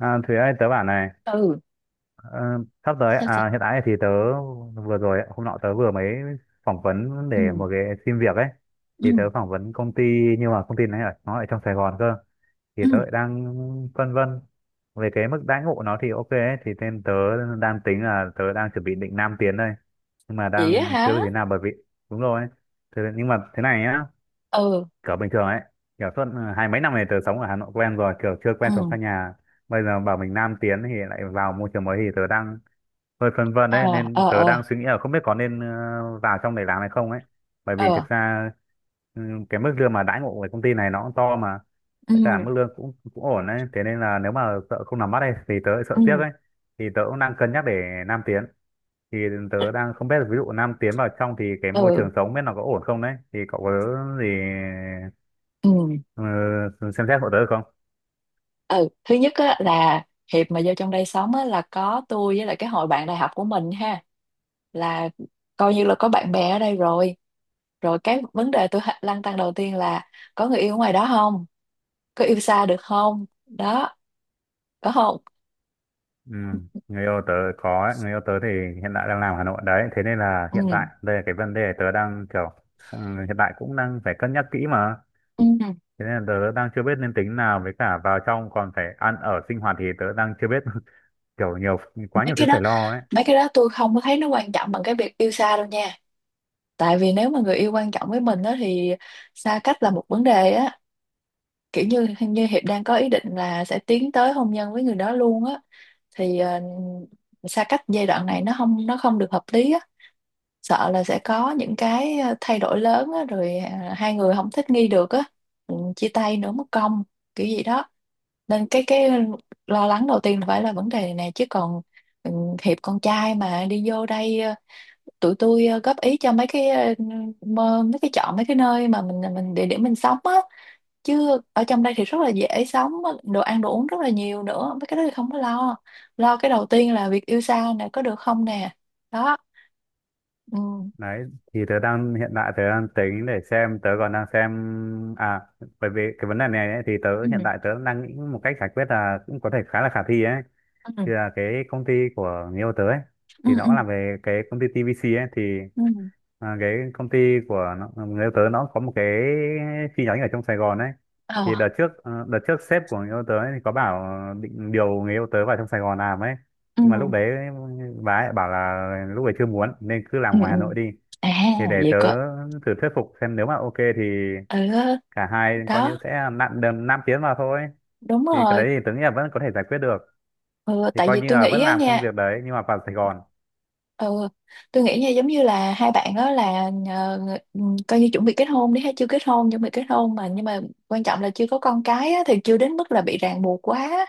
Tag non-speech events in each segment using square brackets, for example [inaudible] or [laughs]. À, Thúy ơi, tớ bảo này, Ừ. ờ, sắp tới, Sao sao? à, hiện tại thì hôm nọ tớ vừa mới phỏng vấn để Ừ. một cái xin việc ấy. Thì Ừ. tớ phỏng vấn công ty, nhưng mà công ty nó ở trong Sài Gòn cơ. Thì Ừ. tớ lại đang phân vân về cái mức đãi ngộ nó thì ok ấy. Thì nên tớ đang tính là tớ đang chuẩn bị định Nam tiến đây. Nhưng mà Vậy á đang chưa hả? biết thế nào bởi vì, đúng rồi. Thế, nhưng mà thế này nhá, Ừ. kiểu bình thường ấy kiểu suốt hai mấy năm này tớ sống ở Hà Nội quen rồi, kiểu chưa quen sống xa Ừ. nhà, bây giờ bảo mình nam tiến thì lại vào môi trường mới thì tớ đang hơi phân vân Ờ. đấy, nên Ờ. tớ Ờ. đang suy nghĩ là không biết có nên vào trong này làm hay không ấy, bởi vì Ờ. thực ra ừ, cái mức lương mà đãi ngộ của công ty này nó cũng to mà, Ừ. với cả mức lương cũng cũng ổn đấy, thế nên là nếu mà sợ không làm mắt đây thì tớ lại sợ tiếc Ừ. ấy, thì tớ cũng đang cân nhắc để nam tiến, thì tớ đang không biết là ví dụ nam tiến vào trong thì cái môi Ừ. trường sống biết nó có ổn không đấy, thì cậu có gì Ừ. Ờ, xem xét hộ tớ được không? Ừ. Thứ nhất á là Hiệp mà vô trong đây sống á là có tôi với lại cái hội bạn đại học của mình ha, là coi như là có bạn bè ở đây rồi. Rồi cái vấn đề tôi lăn tăn đầu tiên là có người yêu ở ngoài đó không, có yêu xa được không đó, có không? Ừ, người yêu tớ có ấy. Người yêu tớ thì hiện tại đang làm Hà Nội đấy. Thế nên là Ừ. hiện tại đây là cái vấn đề tớ đang kiểu ừ, hiện tại cũng đang phải cân nhắc kỹ mà. Ừ. Thế nên là tớ đang chưa biết nên tính nào, với cả vào trong còn phải ăn ở sinh hoạt thì tớ đang chưa biết [laughs] kiểu nhiều, quá mấy nhiều thứ cái đó phải lo ấy. mấy cái đó tôi không có thấy nó quan trọng bằng cái việc yêu xa đâu nha. Tại vì nếu mà người yêu quan trọng với mình đó thì xa cách là một vấn đề á, kiểu như như Hiệp đang có ý định là sẽ tiến tới hôn nhân với người đó luôn á, thì xa cách giai đoạn này nó không được hợp lý á, sợ là sẽ có những cái thay đổi lớn á, rồi hai người không thích nghi được á, ừ, chia tay nữa mất công kiểu gì đó. Nên cái lo lắng đầu tiên là phải là vấn đề này nè, chứ còn ừ, Hiệp con trai mà đi vô đây tụi tôi góp ý cho mấy cái mấy cái chọn mấy cái nơi mà mình địa điểm mình sống á, chứ ở trong đây thì rất là dễ sống, đồ ăn đồ uống rất là nhiều nữa, mấy cái đó thì không có lo. Lo cái đầu tiên là việc yêu xa nè, có được không nè, đó. Ừ. Đấy, thì tớ đang hiện tại tớ đang tính để xem, tớ còn đang xem à, bởi vì cái vấn đề này ấy, thì tớ Ừ. hiện tại tớ đang nghĩ một cách giải quyết là cũng có thể khá là khả thi ấy, Ừ. thì là cái công ty của người yêu tớ ấy, Ừ. thì nó Ừ. cũng làm về cái công ty TVC ấy, thì Ừ. Cái công ty của nó, người yêu tớ nó có một cái chi nhánh ở trong Sài Gòn ấy. Ờ. Thì đợt trước đợt trước sếp của người yêu tớ ấy, thì có bảo định điều người yêu tớ vào trong Sài Gòn làm ấy, nhưng mà lúc Ừ. đấy bà ấy bảo là lúc ấy chưa muốn nên cứ làm Ừ. ngoài Ừ. Hà Nội đi, À, thì để vậy tớ cơ. thử thuyết phục xem, nếu mà ok thì Ừ. cả hai coi như Đó, sẽ nặn đầm 5 tiếng vào thôi, đúng thì cái rồi. đấy thì tớ nghĩ là vẫn có thể giải quyết được, Ừ, thì tại coi vì như tôi là nghĩ vẫn á làm công nha. việc đấy nhưng mà vào Sài Gòn. Ừ, tôi nghĩ nha, giống như là hai bạn đó là coi như chuẩn bị kết hôn đi, hay chưa kết hôn chuẩn bị kết hôn mà, nhưng mà quan trọng là chưa có con cái á, thì chưa đến mức là bị ràng buộc quá,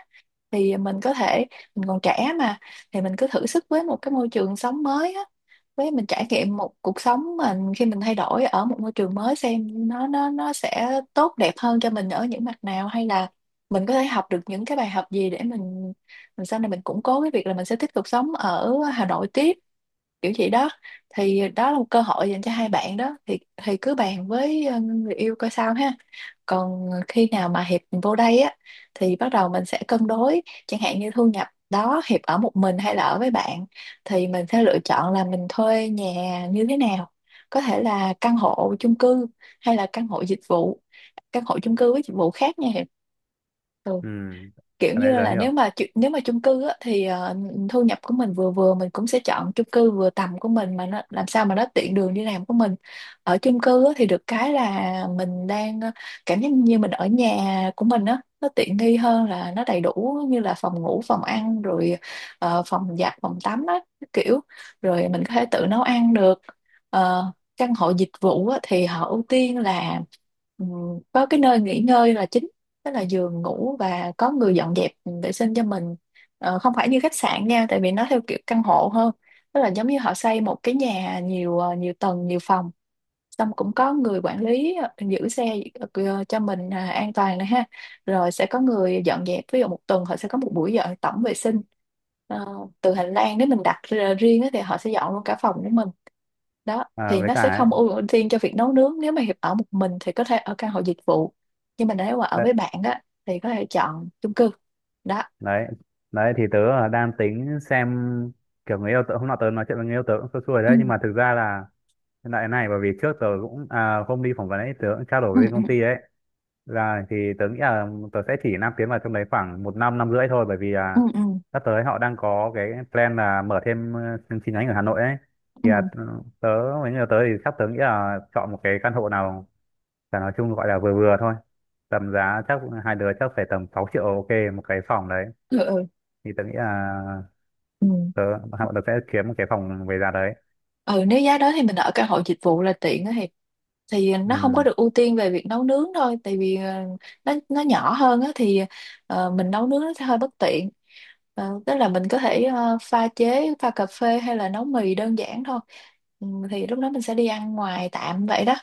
thì mình có thể, mình còn trẻ mà, thì mình cứ thử sức với một cái môi trường sống mới á, với mình trải nghiệm một cuộc sống mình khi mình thay đổi ở một môi trường mới, xem nó sẽ tốt đẹp hơn cho mình ở những mặt nào, hay là mình có thể học được những cái bài học gì để mình sau này mình củng cố cái việc là mình sẽ tiếp tục sống ở Hà Nội tiếp, kiểu vậy đó. Thì đó là một cơ hội dành cho hai bạn đó, thì cứ bàn với người yêu coi sao ha. Còn khi nào mà Hiệp vô đây á thì bắt đầu mình sẽ cân đối, chẳng hạn như thu nhập đó, Hiệp ở một mình hay là ở với bạn, thì mình sẽ lựa chọn là mình thuê nhà như thế nào, có thể là căn hộ chung cư hay là căn hộ dịch vụ. Căn hộ chung cư với dịch vụ khác nha Hiệp. Ừ. ừ Kiểu cái đấy như tớ là hiểu. Nếu mà chung cư á, thì thu nhập của mình vừa vừa, mình cũng sẽ chọn chung cư vừa tầm của mình mà nó làm sao mà nó tiện đường đi làm của mình. Ở chung cư á thì được cái là mình đang cảm giác như mình ở nhà của mình á, nó tiện nghi hơn, là nó đầy đủ như là phòng ngủ phòng ăn rồi phòng giặt phòng tắm á, kiểu, rồi mình có thể tự nấu ăn được. Ờ, căn hộ dịch vụ á, thì họ ưu tiên là, ừ, có cái nơi nghỉ ngơi là chính, tức là giường ngủ, và có người dọn dẹp, ừ, vệ sinh cho mình. Ờ, không phải như khách sạn nha, tại vì nó theo kiểu căn hộ hơn, tức là giống như họ xây một cái nhà nhiều, nhiều tầng nhiều phòng, xong cũng có người quản lý, giữ xe, cho mình, à, an toàn này ha, rồi sẽ có người dọn dẹp, ví dụ một tuần họ sẽ có một buổi dọn tổng vệ sinh. Ờ, từ hành lang, nếu mình đặt ra riêng á thì họ sẽ dọn luôn cả phòng của mình, đó. Thì Với nó sẽ cả không ấy, ưu tiên cho việc nấu nướng, nếu mà Hiệp ở một mình thì có thể ở căn hộ dịch vụ, nhưng mà nếu mà ở đấy, với bạn á thì có thể chọn chung cư, đó. đấy đấy thì tớ đang tính xem, kiểu người yêu tớ hôm nọ tớ nói chuyện với người yêu tớ cũng xui xui Ừ. đấy, nhưng mà thực ra là hiện này bởi vì trước tớ cũng hôm đi phỏng vấn ấy tớ cũng trao đổi Ừ. với Ừ. công ty ấy là thì tớ nghĩ là tớ sẽ chỉ nam tiến vào trong đấy khoảng một năm năm rưỡi thôi, bởi vì Ừ. là Ừ. sắp tới họ đang có cái plan là mở thêm chương nhánh ở Hà Nội ấy, thì Ừ. tớ với người yêu tớ thì sắp tớ nghĩ là chọn một cái căn hộ nào. Và nói chung gọi là vừa vừa thôi, tầm giá chắc hai đứa chắc phải tầm 6 triệu ok một cái phòng đấy, Ừ. Ừ. thì tớ nghĩ là Ừ. tớ hai bọn tớ sẽ kiếm một cái phòng về giá đấy. Ừ, nếu giá đó thì mình ở căn hộ dịch vụ là tiện á Hiệp, thì nó không có Ừ, được ưu tiên về việc nấu nướng thôi, tại vì nó nhỏ hơn á, thì mình nấu nướng nó sẽ hơi bất tiện. Ờ, tức là mình có thể pha chế, pha cà phê hay là nấu mì đơn giản thôi. Ừ, thì lúc đó mình sẽ đi ăn ngoài tạm vậy đó,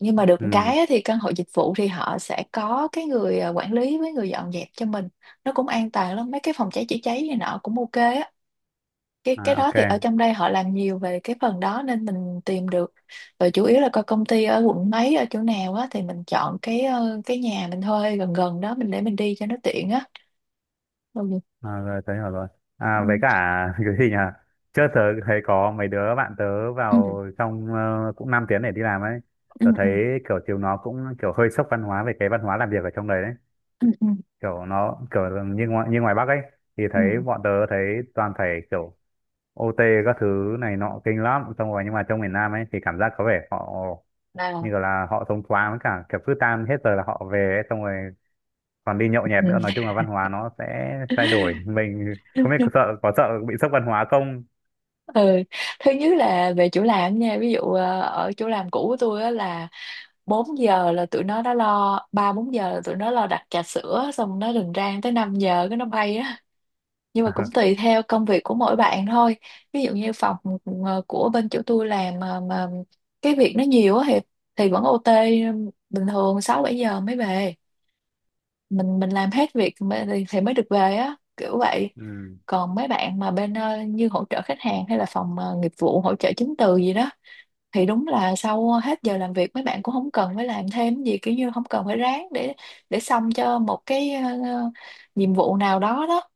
nhưng mà được một ừ, cái á, thì căn hộ dịch vụ thì họ sẽ có cái người quản lý với người dọn dẹp cho mình, nó cũng an toàn lắm, mấy cái phòng cháy chữa cháy này nọ cũng ok á, cái à, đó ok. thì ở trong đây họ làm nhiều về cái phần đó nên mình tìm được. Và chủ yếu là coi công ty ở quận mấy ở chỗ nào á thì mình chọn cái cái nhà mình thuê gần gần đó, mình để mình đi cho nó tiện á. Ừ. À, rồi tớ hiểu rồi. À, Ừ. với cả [laughs] cái gì nhỉ, trước tớ thấy có mấy đứa bạn tớ Ừ. vào trong cũng 5 tiếng để đi làm ấy, Ừ. tớ thấy Ừ. kiểu chiều nó cũng kiểu hơi sốc văn hóa về cái văn hóa làm việc ở trong đấy đấy, Ừ. Ừ. kiểu nó kiểu như như ngoài Bắc ấy thì Ừ. thấy bọn tớ thấy toàn phải kiểu OT các thứ này nọ kinh lắm, xong rồi nhưng mà trong miền Nam ấy thì cảm giác có vẻ họ như À. kiểu là họ thông thoáng, với cả kiểu cứ tan hết giờ là họ về ấy, xong rồi còn đi nhậu nhẹt nữa, nói Ừ. chung là văn hóa nó sẽ thay đổi, [laughs] mình không biết có sợ, có sợ bị sốc văn hóa không. Ừ, thứ nhất là về chỗ làm nha, ví dụ ở chỗ làm cũ của tôi á là 4 giờ là tụi nó đã lo, ba bốn giờ là tụi nó lo đặt trà sữa, xong nó rình rang tới 5 giờ cái nó bay á, nhưng mà cũng tùy theo công việc của mỗi bạn thôi. Ví dụ như phòng của bên chỗ tôi làm mà cái việc nó nhiều á, thì vẫn OT, bình thường 6 7 giờ mới về, mình làm hết việc thì mới được về á, kiểu vậy. Ừ, Còn mấy bạn mà bên như hỗ trợ khách hàng hay là phòng nghiệp vụ hỗ trợ chứng từ gì đó, thì đúng là sau hết giờ làm việc mấy bạn cũng không cần phải làm thêm gì, kiểu như không cần phải ráng để xong cho một cái nhiệm vụ nào đó đó.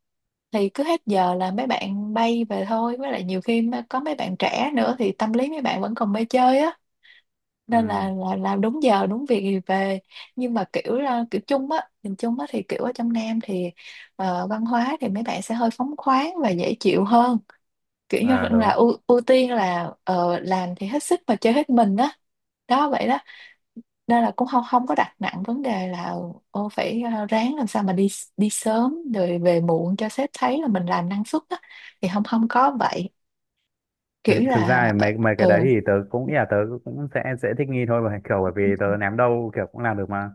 Thì cứ hết giờ là mấy bạn bay về thôi, với lại nhiều khi mà có mấy bạn trẻ nữa thì tâm lý mấy bạn vẫn còn mê chơi á, ừ, nên là làm đúng giờ đúng việc thì về. Nhưng mà kiểu là kiểu chung á, nhìn chung á thì kiểu ở trong Nam thì văn hóa thì mấy bạn sẽ hơi phóng khoáng và dễ chịu hơn, kiểu như à, là đúng. ưu tiên là làm thì hết sức mà chơi hết mình á, đó, vậy đó. Nên là cũng không không có đặt nặng vấn đề là ô phải, ráng làm sao mà đi đi sớm rồi về muộn cho sếp thấy là mình làm năng suất á, thì không không có vậy, thực, kiểu thực ra là thì mấy mấy cái đấy ừ, thì tớ cũng nghĩ là tớ cũng sẽ thích nghi thôi mà, kiểu bởi vì tớ ném đâu kiểu cũng làm được mà.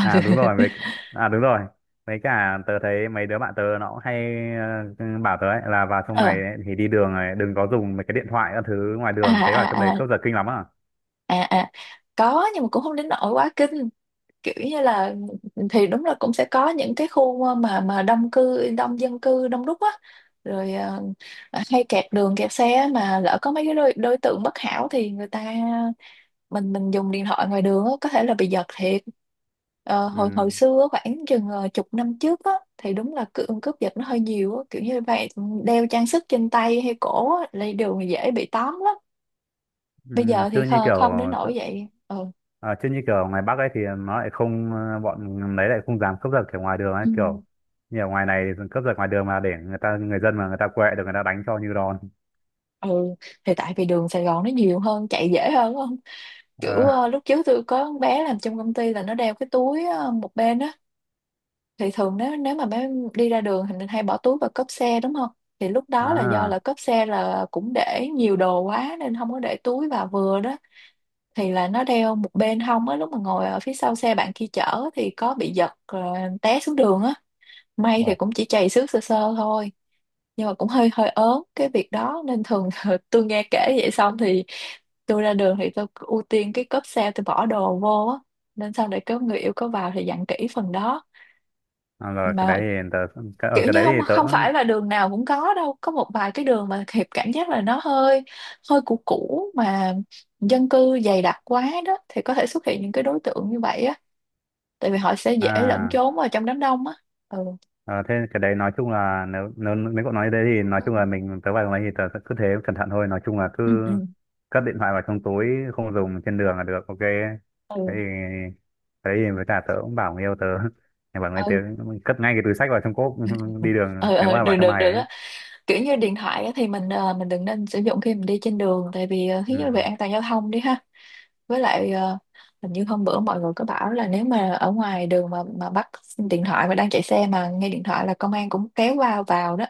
à đúng rồi với À, đúng rồi, với cả tớ thấy mấy đứa bạn tớ nó cũng hay bảo tớ ấy, là vào trong ờ. này ấy thì đi đường này đừng có dùng mấy cái điện thoại các thứ ngoài À, đường, thấy vào trong đấy à, à, cướp giật kinh lắm à. à, à. Có nhưng mà cũng không đến nỗi quá kinh, kiểu như là, thì đúng là cũng sẽ có những cái khu mà đông dân cư đông đúc á, rồi hay kẹt đường kẹt xe á, mà lỡ có mấy cái đối tượng bất hảo thì người ta, mình dùng điện thoại ngoài đường á, có thể là bị giật thiệt. Ờ, hồi hồi Ừ, xưa á, khoảng chừng chục năm trước á, thì đúng là cướp giật nó hơi nhiều á, kiểu như vậy. Đeo trang sức trên tay hay cổ á là đều dễ bị tóm lắm. Bây ừ, giờ thì không, không đến nỗi vậy, ừ. Chứ như kiểu ngoài Bắc ấy thì nó lại không, bọn đấy lại không dám cướp giật kiểu ngoài đường ấy, Ừ. kiểu như ở ngoài này cướp giật ngoài đường mà để người ta, người dân mà người ta quệ được người ta đánh cho như đòn. Ừ. Thì tại vì đường Sài Gòn nó nhiều hơn, chạy dễ hơn đúng không? Kiểu Ờ. Lúc trước tôi có con bé làm trong công ty, là nó đeo cái túi một bên á. Thì thường nếu nếu mà bé đi ra đường thì mình hay bỏ túi vào cốp xe đúng không? Thì lúc đó là do À. là cốp xe là cũng để nhiều đồ quá nên không có để túi vào vừa đó. Thì là nó đeo một bên hông á, lúc mà ngồi ở phía sau xe bạn kia chở thì có bị giật, té xuống đường á. May thì Ồ. cũng chỉ chày xước sơ sơ thôi. Nhưng mà cũng hơi hơi ớn cái việc đó nên thường [laughs] tôi nghe kể vậy xong thì tôi ra đường thì tôi ưu tiên cái cốp xe tôi bỏ đồ vô á. Nên sau để có người yêu có vào thì dặn kỹ phần đó À, rồi cái mà. đấy thì tớ, ở Kiểu cái như đấy không, thì tớ không phải là đường nào cũng có đâu, có một vài cái đường mà Hiệp cảm giác là nó hơi hơi cũ cũ mà dân cư dày đặc quá đó thì có thể xuất hiện những cái đối tượng như vậy á. Tại vì họ sẽ dễ lẫn à trốn vào trong đám đông á. Ừ ờ, thế cái đấy nói chung là nếu nếu nếu cậu nói thế thì nói chung là mình, tớ vào cái đấy thì tớ sẽ cứ thế cẩn thận thôi, nói chung là cứ ừ ừ cất điện thoại vào trong túi, không dùng trên đường là được ok. thế ừ, thì thế thì với cả tớ cũng bảo người yêu tớ [laughs] thì bảo người tớ ừ. cất ngay cái túi xách vào trong cốp [laughs] đi đường Ừ nếu ừ, mà vào được trong được này được ấy. á. Kiểu như điện thoại á, thì mình đừng nên sử dụng khi mình đi trên đường, tại vì thứ nhất là về Ừ, an toàn giao thông đi ha. Với lại hình như hôm bữa mọi người có bảo là nếu mà ở ngoài đường mà bắt điện thoại mà đang chạy xe mà nghe điện thoại là công an cũng kéo vào vào đó.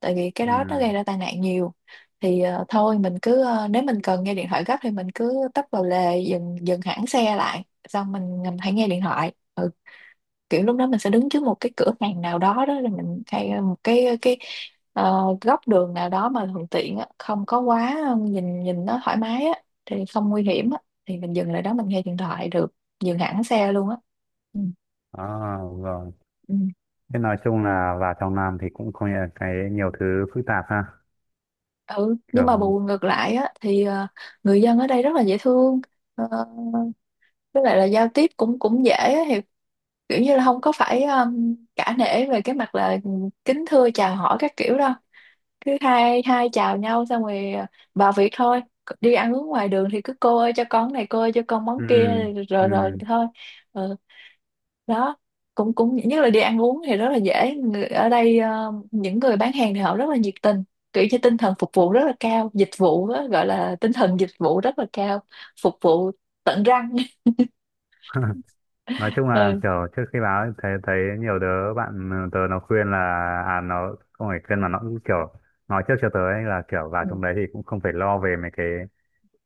Tại vì cái ừ, đó nó gây ra tai nạn nhiều. Thì thôi mình cứ nếu mình cần nghe điện thoại gấp thì mình cứ tấp vào lề, dừng dừng hẳn xe lại, xong mình hãy nghe điện thoại. Ừ. Kiểu lúc đó mình sẽ đứng trước một cái cửa hàng nào đó đó rồi mình hay một cái góc đường nào đó mà thuận tiện á, không có quá nhìn nhìn nó thoải mái á thì không nguy hiểm á. Thì mình dừng lại đó mình nghe điện thoại được, dừng hẳn xe luôn á. Ừ, à, rồi. ừ. Thế nói chung là vào trong Nam thì cũng có nhiều cái, nhiều thứ phức tạp ha. Ừ nhưng Kiểu mà bù ngược lại á thì người dân ở đây rất là dễ thương. Ờ, với lại là giao tiếp cũng cũng dễ á, thì kiểu như là không có phải cả nể về cái mặt là kính thưa chào hỏi các kiểu đâu. Cứ hai hai chào nhau xong rồi, vào việc thôi. Đi ăn uống ngoài đường thì cứ cô ơi cho con này, cô ơi cho con món ừ, kia, rồi rồi ừ. thôi. Ừ. Đó, cũng cũng nhất là đi ăn uống thì rất là dễ. Ở đây những người bán hàng thì họ rất là nhiệt tình, kiểu như tinh thần phục vụ rất là cao, dịch vụ á, gọi là tinh thần dịch vụ rất là cao. Phục vụ tận răng. [laughs] [laughs] Nói chung là Ừ. kiểu trước khi báo ấy, thấy thấy nhiều đứa bạn tớ nó khuyên là, à nó không phải khuyên mà nó cũng kiểu nói trước cho tớ ấy, là kiểu vào Ừ. trong đấy thì cũng không phải lo về mấy cái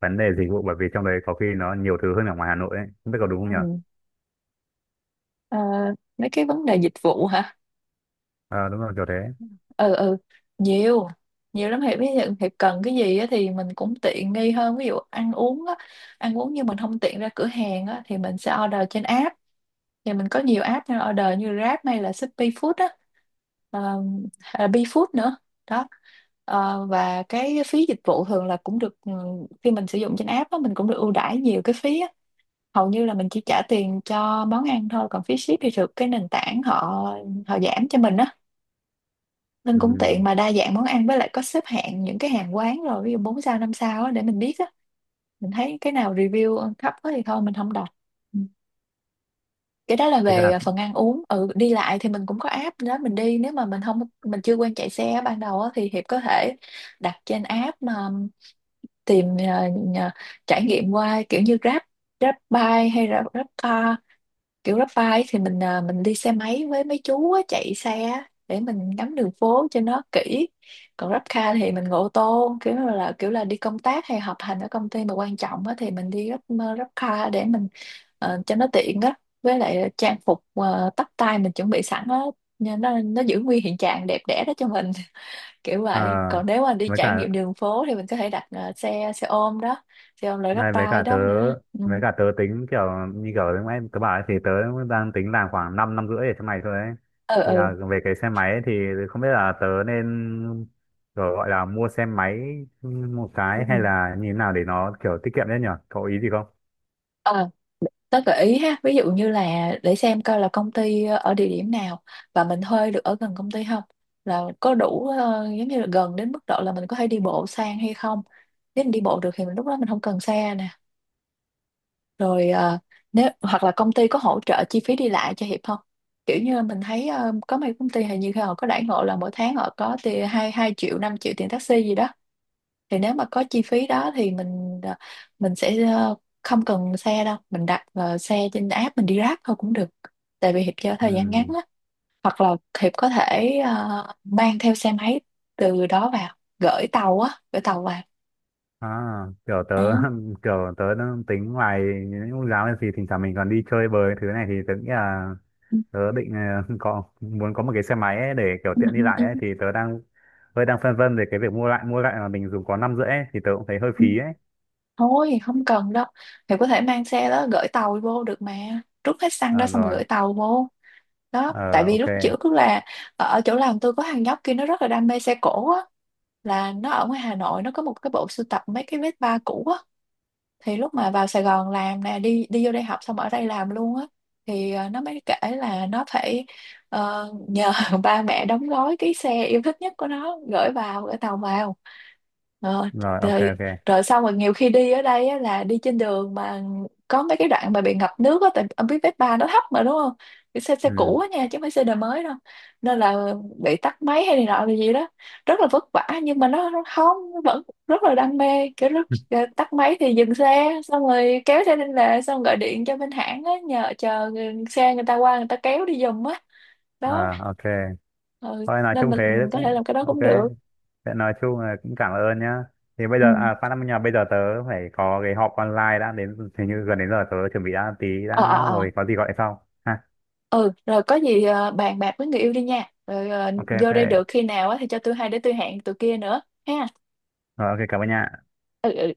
vấn đề dịch vụ, bởi vì trong đấy có khi nó nhiều thứ hơn ở ngoài Hà Nội ấy, không biết có đúng không nhở. Ừ. Ờ, mấy cái vấn đề dịch vụ hả? Ờ, đúng rồi kiểu thế. Ừ ừ. Nhiều, nhiều lắm Hiệp. Ví dụ Hiệp cần cái gì á thì mình cũng tiện nghi hơn, ví dụ ăn uống á, ăn uống nhưng mình không tiện ra cửa hàng á thì mình sẽ order trên app. Thì mình có nhiều app nên order như Grab hay là Shopee Food á, ờ, hay là BeFood nữa. Đó. Ờ, và cái phí dịch vụ thường là cũng được. Ừ, khi mình sử dụng trên app á mình cũng được ưu đãi nhiều cái phí á, hầu như là mình chỉ trả tiền cho món ăn thôi, còn phí ship thì được cái nền tảng họ họ giảm cho mình á. Nên cũng tiện, Ừ. mà đa dạng món ăn, với lại có xếp hạng những cái hàng quán, rồi ví dụ 4 sao 5 sao á để mình biết á. Mình thấy cái nào review thấp quá thì thôi mình không đọc. Ừ. Cái đó là thế cả về phần ăn uống. Ừ, đi lại thì mình cũng có app đó mình đi, nếu mà mình không, mình chưa quen chạy xe ban đầu á, thì Hiệp có thể đặt trên app mà tìm trải nghiệm qua kiểu như Grab, Grab Bike hay là Grab Car. Kiểu Grab bike thì mình à, mình đi xe máy với mấy chú á, chạy xe á, để mình ngắm đường phố cho nó kỹ. Còn Grab car thì mình ngồi ô tô, kiểu là đi công tác hay họp hành ở công ty mà quan trọng á, thì mình đi Grab, Grab car, để mình cho nó tiện á. Với lại trang phục tóc tai mình chuẩn bị sẵn á, nên nó giữ nguyên hiện trạng đẹp đẽ đó cho mình. [laughs] Kiểu ờ, vậy, còn nếu mà đi với trải cả nghiệm đường phố thì mình có thể đặt xe xe ôm đó, xe ôm loại Grab Này với bike cả tớ đó nữa. Ừ Với cả tớ tính kiểu như kiểu lúc nãy tớ bảo ấy, thì tớ đang tính làm khoảng 5 năm năm rưỡi để cho mày thôi ấy. Thì ừ là về cái xe máy ấy, thì không biết là tớ nên kiểu gọi là mua xe máy một ừ, cái, hay là như thế nào để nó kiểu tiết kiệm đấy nhở. Có ý gì không? ừ. Tớ gợi ý ha, ví dụ như là để xem coi là công ty ở địa điểm nào, và mình thuê được ở gần công ty không, là có đủ giống như là gần đến mức độ là mình có thể đi bộ sang hay không. Nếu mình đi bộ được thì mình lúc đó mình không cần xe nè. Rồi nếu hoặc là công ty có hỗ trợ chi phí đi lại cho Hiệp không? Kiểu như mình thấy có mấy công ty hình như họ có đãi ngộ là mỗi tháng họ có tiền hai hai triệu, 5 triệu tiền taxi gì đó, thì nếu mà có chi phí đó thì mình sẽ không cần xe đâu, mình đặt xe trên app mình đi Grab thôi cũng được. Tại vì Hiệp cho Ừ. thời gian ngắn á, hoặc là Hiệp có thể mang theo xe máy từ đó vào gửi tàu á, gửi tàu vào. À, kiểu tớ Ừ. [laughs] kiểu tớ đang tính ngoài những lúc giáo thì thỉnh thoảng mình còn đi chơi bời thứ này thì tớ nghĩ là Ừ, tớ định [laughs] có muốn có một cái xe máy ấy để kiểu ừ, tiện đi ừ, lại ấy, ừ, thì tớ đang hơi đang phân vân về cái việc mua lại mà mình dùng có năm rưỡi ấy, thì tớ cũng thấy hơi ừ. phí ấy. Thôi không cần đâu. Hiệp có thể mang xe đó gửi tàu vô được mà, rút hết xăng đó À, xong rồi rồi. gửi tàu vô. Đó, tại Ờ vì ok, lúc trước là ở chỗ làm tôi có thằng nhóc kia nó rất là đam mê xe cổ á, là nó ở ngoài Hà Nội nó có một cái bộ sưu tập mấy cái vết ba cũ á. Thì lúc mà vào Sài Gòn làm nè, đi đi vô đây học xong ở đây làm luôn á, thì nó mới kể là nó phải nhờ [laughs] ba mẹ đóng gói cái xe yêu thích nhất của nó gửi vào, gửi tàu vào. Ờ, rồi ok, rồi ok, rồi xong rồi, nhiều khi đi ở đây á, là đi trên đường mà có mấy cái đoạn mà bị ngập nước á, tại ông biết Vespa ba nó thấp mà đúng không? Cái xe xe ừ, cũ á nha, chứ không phải xe đời mới đâu, nên là bị tắt máy hay này nọ là gì đó, rất là vất vả. Nhưng mà nó không, nó vẫn rất là đam mê. Kiểu lúc tắt máy thì dừng xe xong rồi kéo xe lên lề, xong gọi điện cho bên hãng á, nhờ chờ xe người ta qua người ta kéo đi giùm á. Đó. à, ok, Ừ. thôi nói Nên chung mình thế mình có thể cũng làm cái đó ok. cũng được. Thế nói chung là cũng cảm ơn nhá, thì bây Ừ. giờ à phát âm nhà bây giờ tớ phải có cái họp online đã, đến hình như gần đến giờ tớ chuẩn bị đã, tí Ờ đã, ờ ờ. rồi có gì gọi sau ha. Ừ rồi có gì bàn bạc với người yêu đi nha, rồi Ok, ok, vô đây được khi nào á thì cho tôi hay để tôi hẹn tụi kia nữa ha. rồi, ok, cảm ơn nha. Ừ ừ